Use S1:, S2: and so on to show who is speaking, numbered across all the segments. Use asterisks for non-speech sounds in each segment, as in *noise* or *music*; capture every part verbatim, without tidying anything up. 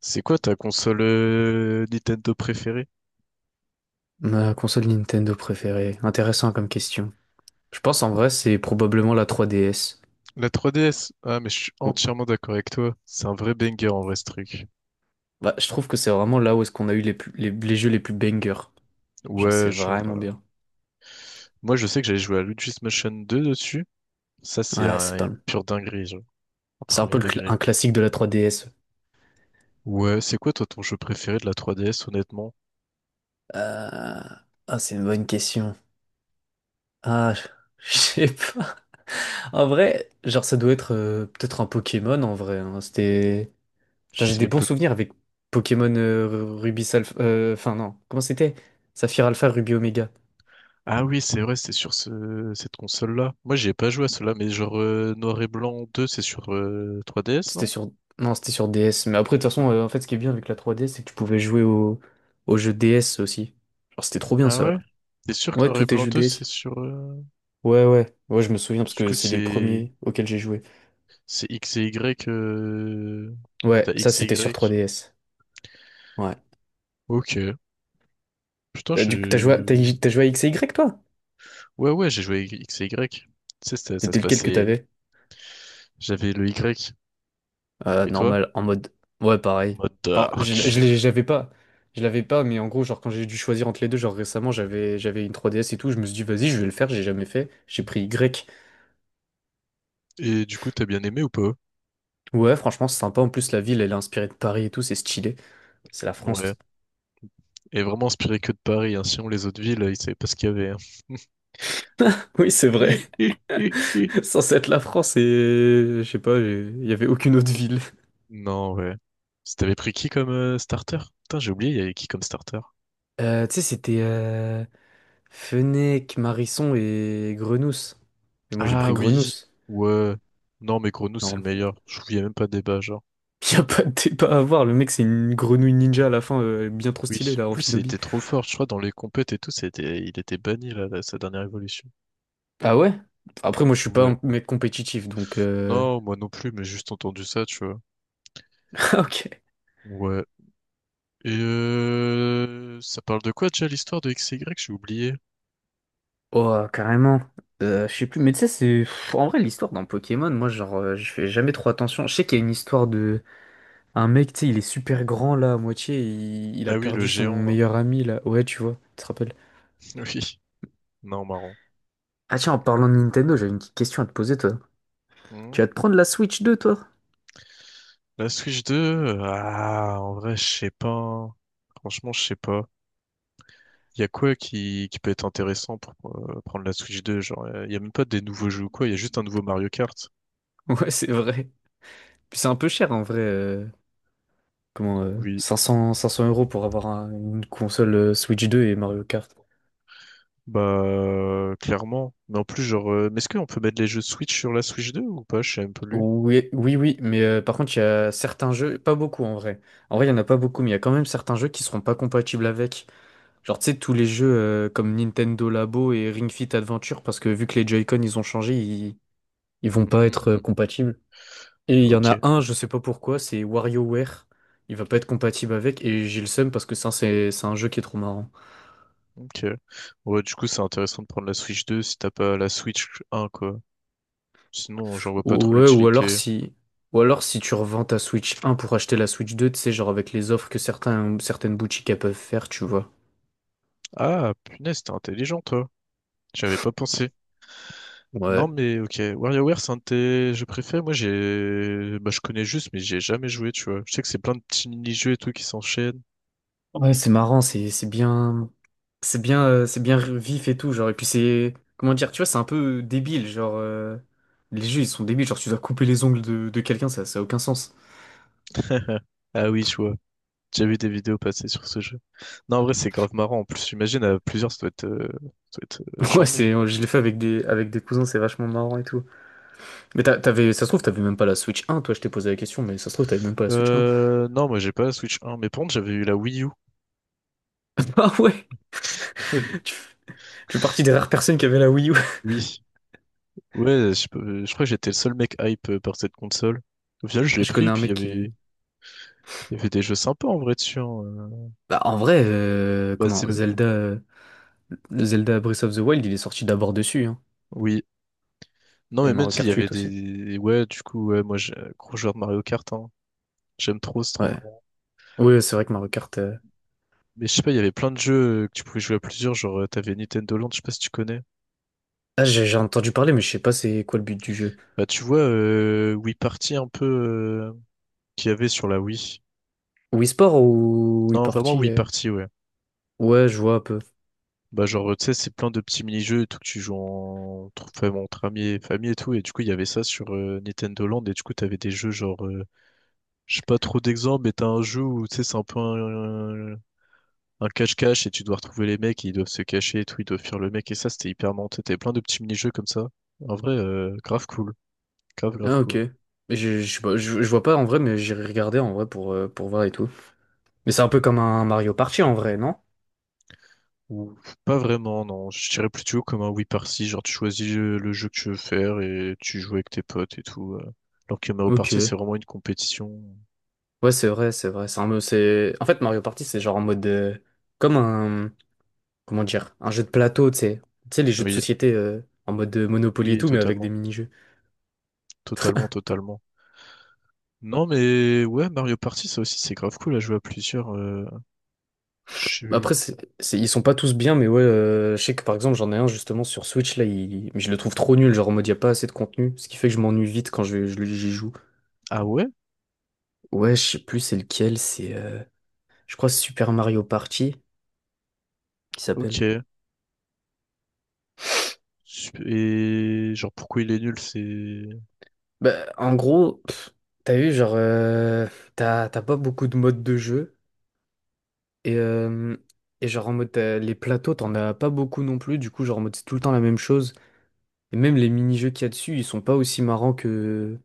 S1: C'est quoi ta console euh, Nintendo préférée?
S2: Ma console Nintendo préférée. Intéressant comme question. Je pense en vrai c'est probablement la trois D S.
S1: La trois D S? Ah, mais je suis
S2: Bon,
S1: entièrement d'accord avec toi. C'est un vrai banger en vrai ce truc.
S2: Bah, je trouve que c'est vraiment là où est-ce qu'on a eu les, plus- les, les jeux les plus bangers. Genre c'est
S1: Ouais, genre.
S2: vraiment
S1: euh,
S2: bien.
S1: Moi, je sais que j'avais joué à Luigi's Mansion deux dessus. Ça, c'est
S2: Ouais,
S1: un-
S2: c'est pas...
S1: une pure dinguerie, genre. Au
S2: C'est un
S1: premier
S2: peu le cla-
S1: degré.
S2: un classique de la trois D S.
S1: Ouais, c'est quoi toi ton jeu préféré de la trois D S, honnêtement?
S2: Euh, Ah, c'est une bonne question. Ah, je *laughs* je sais pas. En vrai, genre ça doit être euh, peut-être un Pokémon en vrai, hein. C'était... Genre j'ai
S1: C'est
S2: des bons
S1: l'époque.
S2: souvenirs avec Pokémon euh, Ruby Alpha... euh, Enfin non, comment c'était? Saphir Alpha, Ruby Omega.
S1: Ah oui, c'est vrai, c'est sur ce... cette console-là. Moi, j'y ai pas joué à cela, mais genre euh, Noir et Blanc deux, c'est sur euh, trois D S,
S2: C'était
S1: non?
S2: sur... Non, c'était sur D S. Mais après, de toute façon, euh, en fait, ce qui est bien avec la trois D S, c'est que tu pouvais jouer au, au jeu D S aussi. Genre, c'était trop bien
S1: Ah
S2: ça,
S1: ouais?
S2: là.
S1: T'es sûr que
S2: Ouais,
S1: Noir
S2: tous
S1: et
S2: tes
S1: Blanc
S2: jeux
S1: deux,
S2: D S.
S1: c'est sur... euh,
S2: Ouais, ouais. Ouais, je me souviens parce
S1: Du
S2: que
S1: coup,
S2: c'est les
S1: c'est...
S2: premiers auxquels j'ai joué.
S1: C'est X et Y. euh,
S2: Ouais,
S1: T'as
S2: ça,
S1: X et
S2: c'était sur
S1: Y.
S2: trois D S. Ouais.
S1: Ok. Putain,
S2: Euh, du coup, t'as joué, à- t'as,
S1: je.
S2: t'as joué à X et Y, toi?
S1: Ouais, ouais, j'ai joué avec X et Y. Tu sais, ça, ça
S2: C'était
S1: se
S2: lequel que
S1: passait.
S2: t'avais?
S1: J'avais le Y.
S2: Euh,
S1: Et toi?
S2: normal, en mode. Ouais,
S1: En
S2: pareil.
S1: mode
S2: Enfin,
S1: dark.
S2: je, je l'ai- je l'avais pas. Je l'avais pas, mais en gros, genre, quand j'ai dû choisir entre les deux, genre récemment, j'avais, j'avais une trois D S et tout, je me suis dit, vas-y, je vais le faire, j'ai jamais fait. J'ai pris Y.
S1: Et du coup, t'as bien aimé ou pas?
S2: Ouais, franchement, c'est sympa. En plus, la ville, elle est inspirée de Paris et tout, c'est stylé. C'est la
S1: Ouais.
S2: France. *laughs*
S1: Et vraiment inspiré que de Paris, hein. Sinon, les autres villes, ils savaient pas ce qu'il y avait, hein. *laughs*
S2: Oui, c'est vrai.
S1: Hi, hi, hi, hi.
S2: *laughs* Sans être la France, et je sais pas, j'ai- il y avait aucune autre ville.
S1: Non, ouais. Si t'avais pris qui comme euh, starter? Putain, j'ai oublié, il y avait qui comme starter?
S2: Euh, tu sais, c'était euh, Fenech, Marisson et Grenousse. Mais moi, j'ai pris
S1: Ah oui,
S2: Grenousse.
S1: ouais. Non, mais Grenouille, c'est le
S2: Non,
S1: meilleur. Je trouve qu'il y a même pas de débat, genre.
S2: *laughs* y a pas de débat à voir. Le mec, c'est une grenouille ninja à la fin, euh, bien trop
S1: Oui,
S2: stylée,
S1: en
S2: là, en
S1: plus il
S2: Shinobi.
S1: était trop fort, je crois, dans les compètes et tout, c'était, il était banni là, là, sa dernière évolution.
S2: Ah ouais? Après, moi, je suis pas
S1: Ouais.
S2: un mec compétitif, donc... euh,
S1: Non, moi non plus, mais juste entendu ça, tu vois.
S2: *laughs* Ah, ok.
S1: Ouais. Et euh, ça parle de quoi déjà l'histoire de X XY? J'ai oublié.
S2: Oh, carrément. Euh, je sais plus, mais tu sais, c'est. pff, En vrai, l'histoire dans Pokémon, moi, genre, euh, je fais jamais trop attention. Je sais qu'il y a une histoire de. Un mec, tu sais, il est super grand là, à moitié, il... il a
S1: Ah oui, le
S2: perdu son
S1: géant là.
S2: meilleur ami là. Ouais, tu vois, tu te rappelles.
S1: *laughs* Oui. Non, marrant.
S2: Ah, tiens, en parlant de Nintendo, j'avais une petite question à te poser, toi.
S1: Hmm.
S2: Tu vas te prendre la Switch deux, toi? *laughs*
S1: La Switch deux, euh, ah, en vrai, je sais pas, hein. Franchement, je sais pas. Il y a quoi qui, qui peut être intéressant pour euh, prendre la Switch deux? Genre, il y a même pas des nouveaux jeux ou quoi, il y a juste un nouveau Mario Kart.
S2: Ouais, c'est vrai. Puis c'est un peu cher en vrai. euh, Comment, euh,
S1: Oui.
S2: cinq cents cinq cents euros pour avoir un- une console, euh, Switch deux et Mario Kart.
S1: Bah, clairement. Mais en plus, genre, euh, mais est-ce qu'on peut mettre les jeux Switch sur la Switch deux ou pas? Je sais même plus.
S2: Oui, oui, oui, mais euh, par contre, il y a certains jeux, pas beaucoup en vrai. En vrai, il y en a pas beaucoup, mais il y a quand même certains jeux qui seront pas compatibles avec. Genre, tu sais, tous les jeux euh, comme Nintendo Labo et Ring Fit Adventure, parce que vu que les Joy-Con ils ont changé, ils, ils vont pas être euh,
S1: Mhm.
S2: compatibles. Et il y en
S1: Ok,
S2: a un, je sais pas pourquoi, c'est WarioWare. Il va pas être compatible avec, et j'ai le seum parce que ça, c'est c'est un jeu qui est trop marrant.
S1: ok. Ouais, du coup, c'est intéressant de prendre la Switch deux si t'as pas la Switch un, quoi. Sinon, j'en vois pas
S2: Ou-
S1: trop
S2: Ouais, ou alors
S1: l'utilité.
S2: si. Ou alors si tu revends ta Switch un pour acheter la Switch deux, tu sais, genre avec les offres que certains, certaines boutiques elles peuvent faire, tu vois.
S1: Ah, punaise, t'es intelligent, toi. J'avais pas pensé. Non,
S2: Ouais.
S1: mais ok. WarioWare, c'est un de tes jeux préférés. Moi, j'ai, bah, je connais juste, mais j'ai jamais joué, tu vois. Je sais que c'est plein de petits mini-jeux et tout qui s'enchaînent.
S2: Ouais, c'est marrant, c'est c'est bien c'est bien euh, c'est bien vif et tout genre et puis c'est comment dire, tu vois, c'est un peu débile genre euh, les jeux ils sont débiles genre tu dois couper les ongles de, de quelqu'un, ça ça a aucun sens.
S1: *laughs* Ah oui, tu vois. J'ai vu des vidéos passer sur ce jeu. Non, en vrai, c'est grave marrant. En plus, j'imagine à plusieurs, ça doit être, euh, ça doit être euh,
S2: *laughs* Ouais,
S1: chambé.
S2: c'est je l'ai fait avec des avec des cousins, c'est vachement marrant et tout. Mais t'a- t'avais, ça se trouve t'avais même pas la Switch un, toi, je t'ai posé la question mais ça se trouve t'avais même pas la Switch un.
S1: Euh, non, moi, j'ai pas la Switch un, mais par contre, j'avais eu la Wii U.
S2: *laughs* Ah ouais.
S1: *laughs*
S2: Tu, tu fais partie des rares personnes qui avaient la Wii U.
S1: Oui. Ouais, je, peux- je crois que j'étais le seul mec hype euh, par cette console. Au final, je
S2: *laughs*
S1: l'ai
S2: Je
S1: pris,
S2: connais un
S1: puis il y
S2: mec
S1: avait,
S2: qui...
S1: il y avait des jeux sympas en vrai dessus, hein. Euh,
S2: Bah, en vrai, euh,
S1: Bah, c'est,
S2: comment, Zelda euh, Zelda Breath of the Wild, il est sorti d'abord dessus, hein.
S1: oui. Non,
S2: Et
S1: mais même
S2: Mario
S1: si il y
S2: Kart
S1: avait
S2: huit aussi.
S1: des, ouais, du coup, ouais, moi, j'ai un gros joueur de Mario Kart, hein. J'aime trop, c'est trop
S2: Ouais.
S1: marrant.
S2: Oui, c'est vrai que Mario Kart. euh,
S1: Mais je sais pas, il y avait plein de jeux euh, que tu pouvais jouer à plusieurs, genre, euh, t'avais Nintendo Land, je sais pas si tu connais.
S2: Ah, j'ai j'ai entendu parler, mais je sais pas c'est quoi le but du jeu.
S1: Bah, tu vois, euh, Wii Party un peu euh, qu'il y avait sur la Wii.
S2: Wii Sport ou Wii
S1: Non, vraiment
S2: Party?
S1: Wii
S2: euh
S1: Party, ouais.
S2: Ouais, je vois un peu.
S1: Bah, genre, tu sais, c'est plein de petits mini-jeux et tout que tu joues en... entre fam- entre amis et famille et tout. Et du coup, il y avait ça sur euh, Nintendo Land. Et du coup, t'avais des jeux genre, euh, je sais pas trop d'exemples, mais t'as un jeu où, tu sais, c'est un peu un un cache-cache et tu dois retrouver les mecs et ils doivent se cacher et tout. Ils doivent fuir le mec. Et ça, c'était hyper monté. T'avais plein de petits mini-jeux comme ça. En vrai, euh, grave cool. Grave, grave
S2: Ah, ok.
S1: cool.
S2: Mais Je, je, sais pas, je, je vois pas en vrai, mais j'irai regarder en vrai pour, euh, pour voir et tout. Mais c'est un peu comme un Mario Party en vrai, non?
S1: Ou pas vraiment, non. Je dirais plutôt comme un oui party, genre tu choisis euh, le jeu que tu veux faire et tu joues avec tes potes et tout. Euh. Alors que Mario Party,
S2: Ok.
S1: c'est vraiment une compétition.
S2: Ouais, c'est vrai, c'est vrai. C'est un mode- c'est... En fait, Mario Party, c'est genre en mode, euh, comme un. Comment dire? Un jeu de plateau, tu sais. Tu sais, les jeux de
S1: Oui,
S2: société, euh, en mode, euh, Monopoly et
S1: oui,
S2: tout, mais avec des
S1: totalement.
S2: mini-jeux.
S1: Totalement, totalement. Non, mais ouais, Mario Party, ça aussi, c'est grave cool à jouer à plusieurs. euh,
S2: Après,
S1: je-
S2: c'est, c'est- ils sont pas tous bien, mais ouais, euh, je sais que par exemple, j'en ai un justement sur Switch, là, il- mais je le trouve trop nul, genre en mode, y a pas assez de contenu, ce qui fait que je m'ennuie vite quand je, je- j'y joue.
S1: Ah ouais?
S2: Ouais, je sais plus c'est lequel, c'est, euh, je crois Super Mario Party, qui
S1: Ok.
S2: s'appelle.
S1: Sup- Et genre, pourquoi il est nul, c'est...
S2: Bah, en gros, pff, t'as vu, genre, euh, t'as, t'as pas beaucoup de modes de jeu, et, euh, et genre en mode, t'as- les plateaux, t'en as pas beaucoup non plus, du coup, genre en mode, c'est tout le temps la même chose. Et même les mini-jeux qu'il y a dessus, ils sont pas aussi marrants que...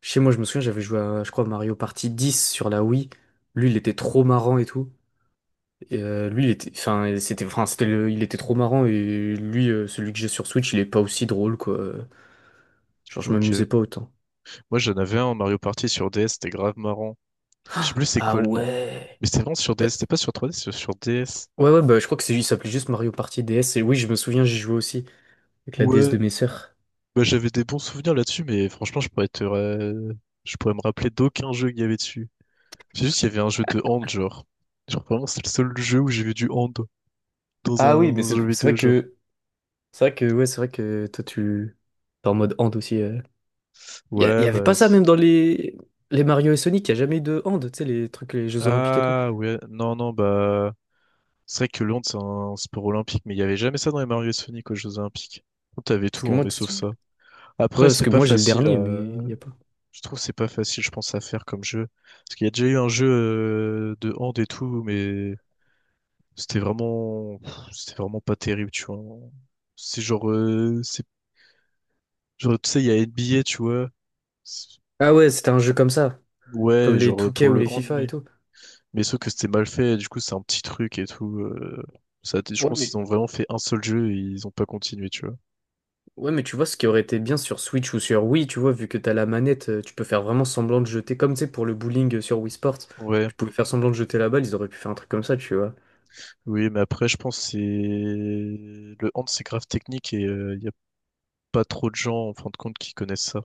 S2: Chez moi, je me souviens, j'avais joué à, je crois, Mario Party dix sur la Wii. Lui, il était trop marrant et tout. Et, euh, lui, il était... Enfin, c'était... Enfin, c'était le- Il était trop marrant et lui, euh, celui que j'ai sur Switch, il est pas aussi drôle, quoi. Genre, je
S1: Ok.
S2: m'amusais pas autant.
S1: Moi, j'en avais un, Mario Party sur D S, c'était grave marrant. Je sais plus c'est
S2: Ah
S1: quoi le nom.
S2: ouais!
S1: Mais c'était vraiment sur
S2: Bah,
S1: D S, c'était pas sur trois D c'était sur D S.
S2: ouais, ouais, bah, je crois que c'est... il s'appelait juste Mario Party D S. Et oui, je me souviens, j'y jouais aussi avec la D S
S1: Ouais,
S2: de mes sœurs.
S1: bah, j'avais des bons souvenirs là-dessus, mais franchement, je pourrais te, ra- je pourrais me rappeler d'aucun jeu qu'il y avait dessus. C'est juste, il y avait un jeu de hand, genre. Genre, vraiment, c'est le seul jeu où j'ai vu du hand dans
S2: Ah oui,
S1: un,
S2: mais
S1: dans un
S2: c'est
S1: jeu
S2: c'est
S1: vidéo,
S2: vrai
S1: genre.
S2: que... C'est vrai que, ouais, c'est vrai que toi, tu... T'es en mode hand aussi. Il y, a- y
S1: Ouais,
S2: avait
S1: bah.
S2: pas ça
S1: c'est-
S2: même dans les, les Mario et Sonic, il y a jamais eu de hand, tu sais, les trucs, les Jeux Olympiques et tout.
S1: Ah, ouais, non, non, bah. C'est vrai que le hand, c'est un sport olympique, mais il y avait jamais ça dans les Mario et Sonic aux Jeux Olympiques. T'avais
S2: Parce
S1: tout,
S2: que
S1: hein,
S2: moi,
S1: mais sauf
S2: tu-
S1: ça.
S2: ouais,
S1: Après,
S2: parce
S1: c'est
S2: que
S1: pas
S2: moi j'ai le
S1: facile
S2: dernier, mais
S1: à...
S2: il y a pas.
S1: Je trouve que c'est pas facile, je pense, à faire comme jeu. Parce qu'il y a déjà eu un jeu euh, de hand et tout, mais C'était vraiment, c'était vraiment pas terrible, tu vois. C'est genre, euh, c'est genre, tu sais, il y a N B A, tu vois. C'est-
S2: Ah ouais, c'était un jeu comme ça, comme
S1: Ouais,
S2: les
S1: genre euh,
S2: deux K
S1: pour
S2: ou
S1: le
S2: les
S1: hand,
S2: FIFA et
S1: mais
S2: tout.
S1: mais sauf que c'était mal fait. Du coup, c'est un petit truc et tout. Euh, ça, a été- je
S2: Ouais,
S1: pense qu'ils
S2: mais...
S1: ont vraiment fait un seul jeu et ils ont pas continué, tu vois.
S2: Ouais, mais tu vois, ce qui aurait été bien sur Switch ou sur Wii, tu vois, vu que t'as la manette, euh, tu peux faire vraiment semblant de jeter, comme tu sais, pour le bowling, euh, sur Wii Sports,
S1: Ouais,
S2: tu pouvais faire semblant de jeter la balle, ils auraient pu faire un truc comme ça, tu vois.
S1: oui, mais après, je pense que c'est le hand, c'est grave technique et euh, il y a pas trop de gens en fin de compte qui connaissent ça.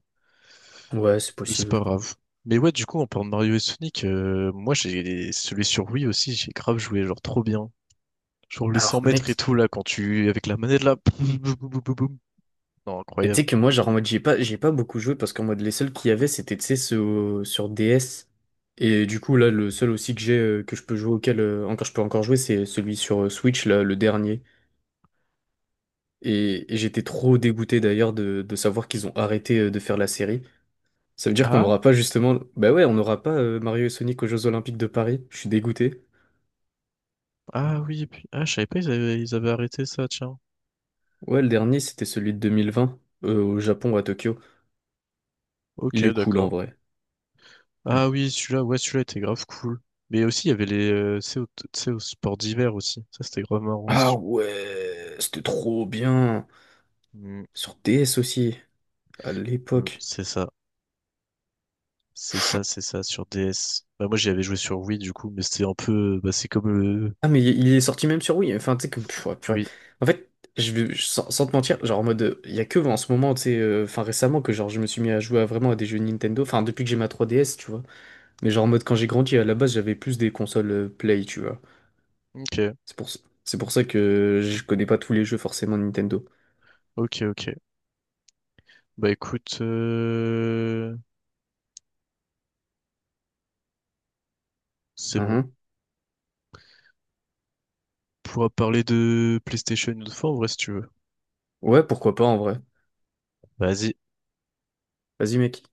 S2: Ouais, c'est
S1: Mais c'est pas
S2: possible.
S1: grave. Mais ouais, du coup, en parlant de Mario et Sonic, euh, moi j'ai celui sur Wii aussi, j'ai grave joué, genre trop bien. Genre les cent
S2: Alors,
S1: mètres et
S2: mec,
S1: tout, là, quand tu... Avec la manette, là... boum, boum, boum, boum, boum, boum. Non,
S2: et
S1: incroyable.
S2: tu sais que moi, genre en mode, j'ai pas, j'ai pas beaucoup joué parce qu'en mode, les seuls qu'il y avait, c'était, tu sais, ceux au- sur D S. Et du coup, là, le seul aussi que j'ai, euh, que je peux jouer, auquel euh, encore, je peux encore jouer, c'est celui sur euh, Switch, là, le dernier. Et, et j'étais trop dégoûté d'ailleurs de, de savoir qu'ils ont arrêté euh, de faire la série. Ça veut dire qu'on
S1: Ah,
S2: n'aura pas justement. Bah ouais, on n'aura pas, euh, Mario et Sonic aux Jeux Olympiques de Paris. Je suis dégoûté.
S1: ah oui, et puis... Ah, je savais pas, ils avaient, ils avaient arrêté ça, tiens.
S2: Ouais, le dernier, c'était celui de deux mille vingt, euh, au Japon, à Tokyo.
S1: Ok,
S2: Il est cool en
S1: d'accord.
S2: vrai.
S1: Ah oui, celui-là, ouais, celui-là était grave cool. Mais aussi, il y avait les... euh, tu sais, au, tu sais, au sport d'hiver aussi. Ça, c'était grave marrant
S2: Ah
S1: aussi.
S2: ouais, c'était trop bien.
S1: Mm,
S2: Sur D S aussi. À
S1: mm,
S2: l'époque.
S1: c'est ça. C'est ça, c'est ça, sur D S. Bah, moi, j'y avais joué sur Wii, du coup, mais c'était un peu... Bah, c'est comme le...
S2: Ah, mais il il est sorti même sur Wii. Enfin, tu sais, comme... Pff, ouais, purée.
S1: Oui,
S2: En fait, je, vais- je- sans, sans te mentir, genre en mode, euh, Il y a que en ce moment, tu sais, euh, enfin récemment, que genre je me suis mis à jouer à, vraiment à des jeux Nintendo. Enfin, depuis que j'ai ma trois D S, tu vois. Mais genre en mode, quand j'ai grandi, à la base, j'avais plus des consoles, euh, Play, tu vois.
S1: ok,
S2: C'est pour, ça- c'est pour ça que je connais pas tous les jeux forcément Nintendo.
S1: ok, ok. Bah, écoute... euh, C'est bon.
S2: Mhm.
S1: Pourra parler de PlayStation une autre fois, en vrai, si tu veux.
S2: Ouais, pourquoi pas en vrai.
S1: Vas-y,
S2: Vas-y, mec.